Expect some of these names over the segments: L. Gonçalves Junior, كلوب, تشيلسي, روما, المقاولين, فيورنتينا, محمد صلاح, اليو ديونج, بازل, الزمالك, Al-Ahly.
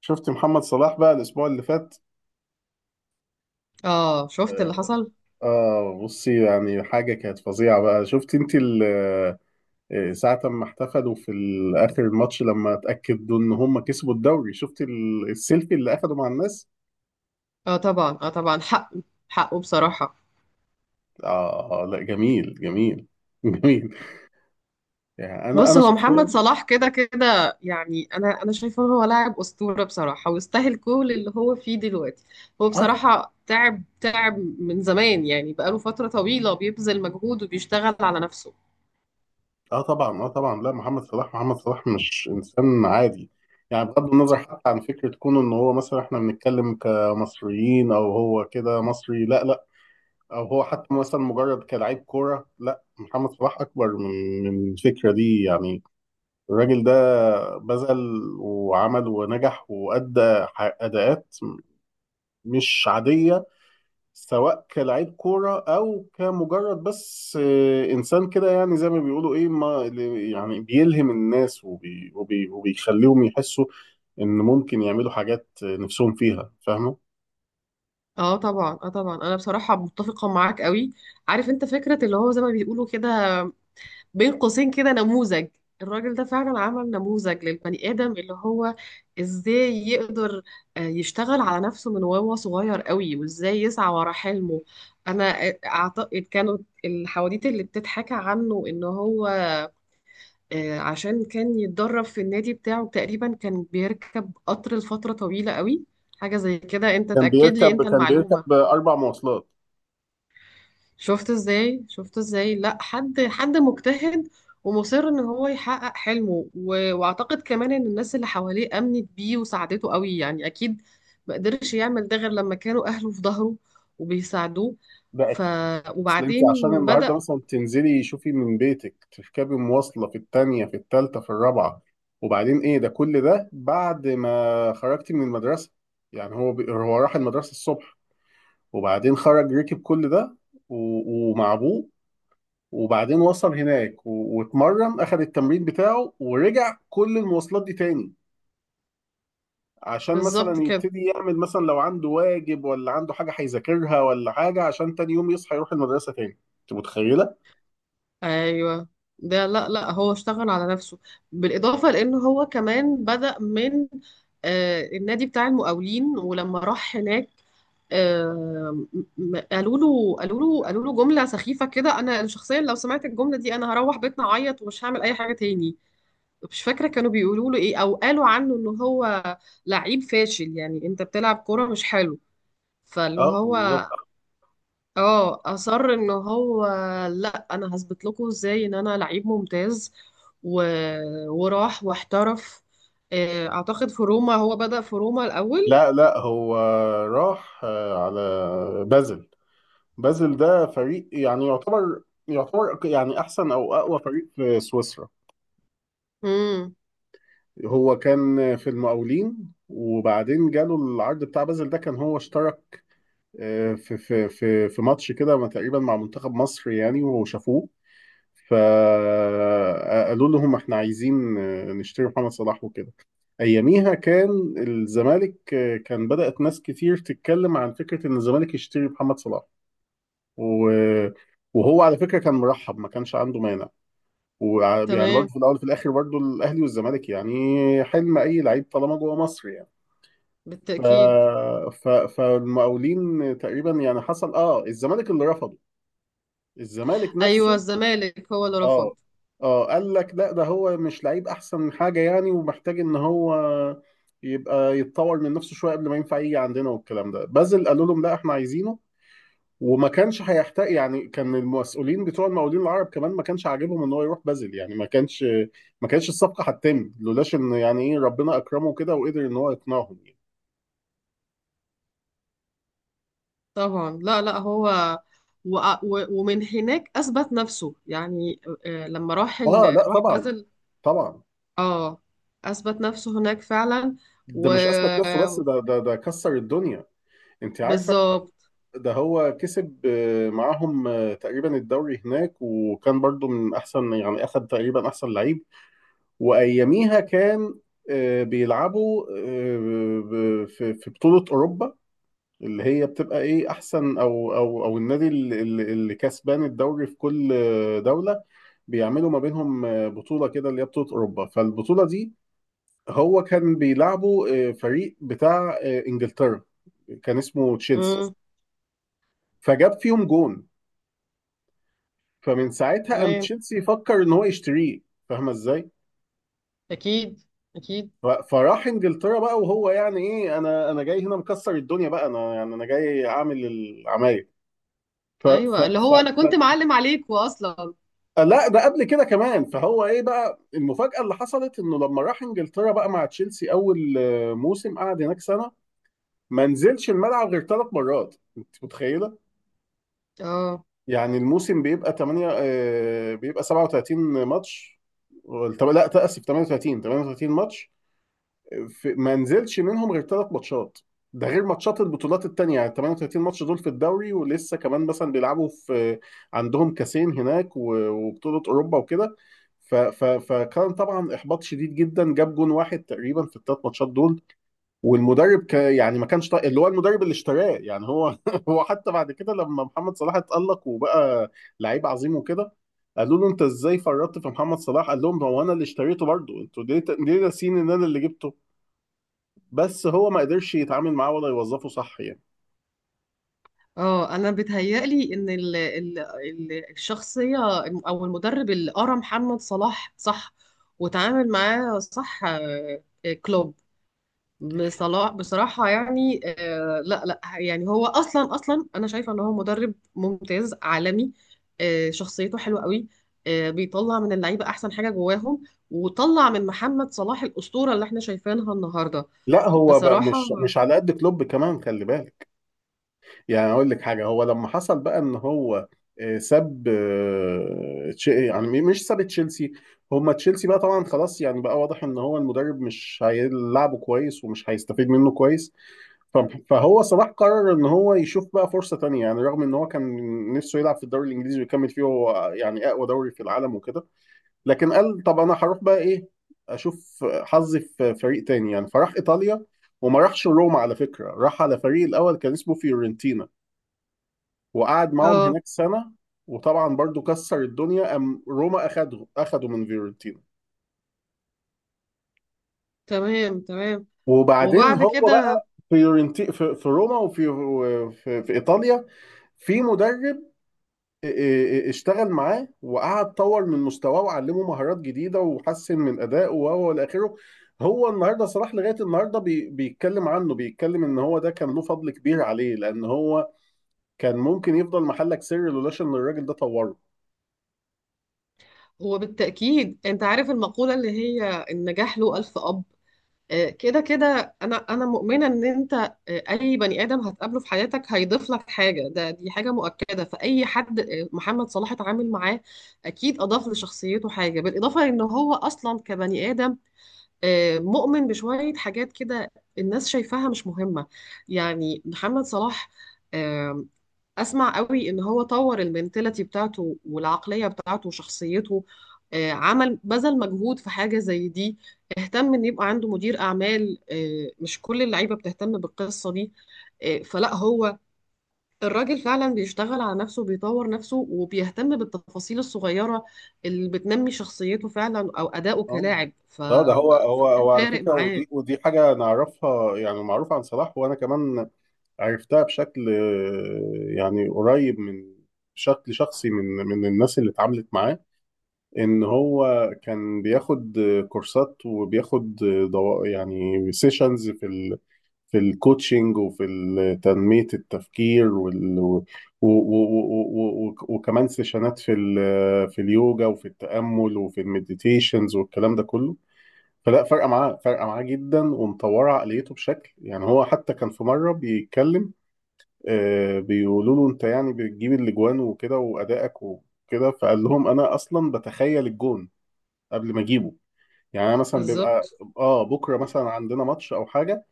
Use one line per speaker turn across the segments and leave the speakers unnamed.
شفت محمد صلاح بقى الاسبوع اللي فات.
اه، شفت اللي حصل.
اه، بصي، يعني حاجه كانت فظيعه بقى. شفت انت ساعه ما احتفلوا في اخر الماتش لما اتاكدوا ان هم كسبوا الدوري؟ شفت السيلفي اللي اخده مع الناس؟
اه طبعا، اه طبعا، حقه. حقه بصراحة.
اه لا، جميل جميل جميل. يعني انا
بص،
انا
هو محمد
شخصيا.
صلاح كده كده، يعني انا شايفه إن هو لاعب اسطورة بصراحة، ويستاهل كل اللي هو فيه دلوقتي. هو
اه طب-
بصراحة تعب تعب من زمان، يعني بقاله فترة طويلة بيبذل مجهود وبيشتغل على نفسه.
اه طبعا، اه طبعا، لا، محمد صلاح مش انسان عادي. يعني بغض النظر حتى عن فكره كونه ان هو مثلا احنا بنتكلم كمصريين او هو كده مصري، لا لا، او هو حتى مثلا مجرد كلاعب كوره، لا، محمد صلاح اكبر من الفكره دي يعني. الراجل ده بذل وعمل ونجح وادى اداءات مش عاديه، سواء كلاعب كوره او كمجرد بس انسان كده، يعني زي ما بيقولوا ايه، ما اللي- يعني بيلهم الناس وبيخليهم يحسوا ان ممكن يعملوا حاجات نفسهم فيها، فاهمه.
اه طبعا، اه طبعا، انا بصراحة متفقة معاك قوي. عارف انت فكرة اللي هو زي ما بيقولوا كده، بين قوسين كده، نموذج. الراجل ده فعلا عمل نموذج للبني آدم، اللي هو ازاي يقدر يشتغل على نفسه من وهو صغير قوي، وازاي يسعى ورا حلمه. انا اعتقد كانوا الحواديت اللي بتتحكى عنه ان هو عشان كان يتدرب في النادي بتاعه، تقريبا كان بيركب قطر لفترة طويلة قوي. حاجة زي كده، انت تأكد لي انت
كان بيركب
المعلومة.
اربع مواصلات.
شفت ازاي، شفت ازاي، لا، حد مجتهد، ومصر ان هو يحقق حلمه، واعتقد كمان ان الناس اللي حواليه امنت بيه وساعدته قوي، يعني اكيد ما قدرش يعمل ده غير لما كانوا اهله في ظهره وبيساعدوه.
ده
ف...
اصل انت
وبعدين
عشان النهارده
بدأ.
مثلا تنزلي شوفي من بيتك، تركبي مواصله في التانية في التالتة في الرابعه، وبعدين ايه ده، كل ده بعد ما خرجتي من المدرسه. يعني هو هو راح المدرسه الصبح، وبعدين خرج ركب كل ده، و... ومع ابوه، وبعدين وصل هناك واتمرن، اخذ التمرين بتاعه، ورجع كل المواصلات دي تاني، عشان
بالظبط
مثلا
كده.
يبتدي يعمل، مثلا لو عنده واجب ولا عنده حاجه هيذاكرها ولا حاجه، عشان تاني يوم يصحى يروح المدرسه تاني. انت متخيله؟
ايوه. ده لا، لا هو اشتغل على نفسه، بالاضافه لان هو كمان بدأ من النادي بتاع المقاولين. ولما راح هناك آه، قالوا له جمله سخيفه كده، انا شخصيا لو سمعت الجمله دي انا هروح بيتنا اعيط ومش هعمل اي حاجه تاني. مش فاكره كانوا بيقولوا له ايه، او قالوا عنه ان هو لعيب فاشل، يعني انت بتلعب كوره مش حلو. فاللي
اه
هو
بالظبط.
اه اصر ان هو، لا انا هثبت لكم ازاي ان انا لعيب ممتاز. و... وراح واحترف. اعتقد في روما، هو بدأ في روما الاول.
لا لا، هو راح على بازل. بازل ده فريق، يعني يعتبر يعني احسن او اقوى فريق في سويسرا.
امم،
هو كان في المقاولين، وبعدين جاله العرض بتاع بازل. ده كان هو اشترك في ماتش كده ما تقريبا مع منتخب مصر يعني، وشافوه، فقالوا لهم احنا عايزين نشتري محمد صلاح وكده. اياميها كان الزمالك، كان بدأت ناس كتير تتكلم عن فكرة ان الزمالك يشتري محمد صلاح، و... وهو على فكرة كان مرحب، ما كانش عنده مانع. ويعني برضه
تمام،
في الاول وفي الاخر برضه الاهلي والزمالك يعني حلم اي لعيب طالما جوه مصر يعني. ف...
بالتأكيد.
فالمقاولين تقريبا، يعني حصل اه الزمالك اللي رفضه. الزمالك
ايوه،
نفسه.
الزمالك هو اللي رفض.
اه اه. قال لك لا، ده هو مش لعيب احسن حاجه يعني، ومحتاج ان هو يبقى يتطور من نفسه شويه قبل ما ينفع يجي عندنا والكلام ده. بازل قالوا لهم لا احنا عايزينه. وما كانش هيحتاج، يعني كان المسؤولين بتوع المقاولين العرب كمان ما كانش عاجبهم ان هو يروح بازل يعني. ما كانش الصفقه هتتم لولاش ان يعني ايه ربنا اكرمه كده وقدر ان هو يقنعهم يعني.
طبعا. لا، لا هو، ومن هناك اثبت نفسه، يعني لما راح
اه لا
راح
طبعا،
بازل.
طبعا.
اه، اثبت نفسه هناك فعلا.
ده مش اثبت نفسه بس، ده كسر الدنيا، انت عارفه.
وبالظبط.
ده هو كسب معاهم تقريبا الدوري هناك، وكان برضو من احسن يعني، اخد تقريبا احسن لعيب. واياميها كان بيلعبوا في بطولة اوروبا، اللي هي بتبقى ايه، احسن او النادي اللي كسبان الدوري في كل دولة، بيعملوا ما بينهم بطولة كده، اللي هي بطولة اوروبا. فالبطولة دي هو كان بيلعبوا فريق بتاع انجلترا كان اسمه تشيلسي.
امم،
فجاب فيهم جون. فمن ساعتها قام
تمام،
تشيلسي فكر ان هو يشتريه. فاهمه ازاي.
اكيد، اكيد.
فراح انجلترا بقى، وهو يعني ايه، انا جاي هنا مكسر الدنيا بقى، انا يعني انا جاي اعمل العمايل. ف... ف...
ايوه، اللي
ف...
هو انا
ف...
كنت معلم عليكوا اصلا.
لا، ده قبل كده كمان. فهو ايه بقى المفاجأة اللي حصلت؟ انه لما راح انجلترا بقى مع تشيلسي، اول موسم قعد هناك سنة ما نزلش الملعب غير ثلاث مرات. انت متخيلة؟
اه،
يعني الموسم بيبقى 8 بيبقى 37 ماتش، لا تأسف، 38، ماتش، في ما نزلش منهم غير ثلاث ماتشات. ده غير ماتشات البطولات التانية، يعني 38 ماتش دول في الدوري، ولسه كمان مثلا بيلعبوا في، عندهم كاسين هناك وبطولة أوروبا وكده. فكان طبعا إحباط شديد جدا. جاب جون واحد تقريبا في الثلاث ماتشات دول. والمدرب يعني ما كانش طايق اللي هو، المدرب اللي اشتراه يعني، هو هو حتى بعد كده لما محمد صلاح اتألق وبقى لعيب عظيم وكده، قالوا له انت ازاي فرطت في محمد صلاح؟ قال لهم هو انا اللي اشتريته برضه، انتوا ليه ناسين ان انا اللي جبته، بس هو ما قدرش يتعامل معاه ولا يوظفه صح يعني.
اه، انا بيتهيألي ان ال ال ال الشخصيه، او المدرب اللي قرا محمد صلاح صح، وتعامل معاه صح، كلوب. بصلاح بصراحة، يعني لا، لا، يعني هو أصلا أنا شايفة إن هو مدرب ممتاز عالمي. شخصيته حلوة قوي. بيطلع من اللعيبة أحسن حاجة جواهم، وطلع من محمد صلاح الأسطورة اللي احنا شايفينها النهاردة
لا هو بقى
بصراحة.
مش على قد كلوب كمان، خلي بالك. يعني اقول لك حاجه، هو لما حصل بقى ان هو ساب يعني مش ساب تشيلسي، هما تشيلسي بقى طبعا خلاص، يعني بقى واضح ان هو المدرب مش هيلعبه كويس ومش هيستفيد منه كويس. ف- فهو صلاح قرر ان هو يشوف بقى فرصه تانية يعني، رغم ان هو كان نفسه يلعب في الدوري الانجليزي ويكمل فيه هو، يعني اقوى دوري في العالم وكده، لكن قال طب انا هروح بقى ايه اشوف حظي في فريق تاني يعني. فراح ايطاليا، وما راحش روما على فكره، راح على فريق الاول كان اسمه فيورنتينا، وقعد معاهم
اه،
هناك سنه، وطبعا برضو كسر الدنيا، ام روما اخده من فيورنتينا.
تمام، تمام.
وبعدين
وبعد
هو
كده
بقى فيورنتي في روما، وفي في ايطاليا في مدرب اشتغل معاه، وقعد طور من مستواه وعلمه مهارات جديده وحسن من ادائه، وهو الى اخره. هو النهارده صلاح لغايه النهارده بيتكلم عنه، بيتكلم ان هو ده كان له فضل كبير عليه، لان هو كان ممكن يفضل محلك سر لولاش ان الراجل ده طوره.
هو بالتأكيد. أنت عارف المقولة اللي هي النجاح له 1000 أب. كده كده، انا مؤمنه ان انت، اي بني ادم هتقابله في حياتك هيضيف لك حاجه، ده دي حاجه مؤكده، فاي حد محمد صلاح اتعامل معاه اكيد اضاف لشخصيته حاجه، بالاضافه ان هو اصلا كبني ادم مؤمن بشويه حاجات كده الناس شايفاها مش مهمه. يعني محمد صلاح آه، اسمع قوي ان هو طور المنتاليتي بتاعته والعقليه بتاعته وشخصيته. عمل بذل مجهود في حاجه زي دي. اهتم ان يبقى عنده مدير اعمال، مش كل اللعيبه بتهتم بالقصه دي. فلا هو، الراجل فعلا بيشتغل على نفسه، بيطور نفسه وبيهتم بالتفاصيل الصغيره اللي بتنمي شخصيته فعلا، او اداؤه
اه
كلاعب.
اه. ده هو
فده
على
فارق
فكره،
معاه.
ودي حاجه نعرفها يعني، معروفه عن صلاح، وانا كمان عرفتها بشكل يعني قريب من، بشكل شخصي من الناس اللي اتعاملت معاه، ان هو كان بياخد كورسات، وبياخد يعني سيشنز في في الكوتشنج، وفي تنمية التفكير وال... و... و... و... وكمان سيشنات في في اليوجا وفي التأمل وفي المديتيشنز والكلام ده كله. فلا، فارقة معاه، فارقة معاه جدا ومطورة عقليته بشكل، يعني هو حتى كان في مرة بيتكلم، بيقولوا له انت يعني بتجيب الاجوان وكده وأدائك وكده، فقال لهم انا اصلا بتخيل الجون قبل ما اجيبه. يعني انا مثلا بيبقى
بالظبط.
اه بكره مثلا عندنا ماتش او حاجه،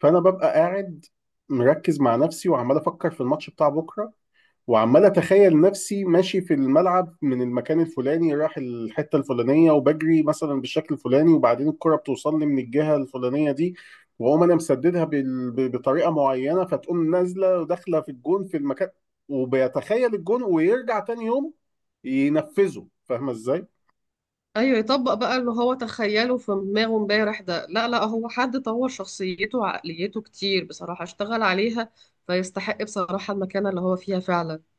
فانا ببقى قاعد مركز مع نفسي، وعمال افكر في الماتش بتاع بكره، وعمال اتخيل نفسي ماشي في الملعب من المكان الفلاني رايح الحته الفلانيه، وبجري مثلا بالشكل الفلاني، وبعدين الكره بتوصل لي من الجهه الفلانيه دي، واقوم انا مسددها بطريقه معينه، فتقوم نازله وداخله في الجون في المكان. وبيتخيل الجون ويرجع تاني يوم ينفذه، فاهمه ازاي؟
ايوه، يطبق بقى اللي هو تخيله في دماغه امبارح. ده لا، لا هو حد طور شخصيته وعقليته كتير بصراحة، اشتغل عليها فيستحق بصراحة المكانة اللي هو فيها فعلا.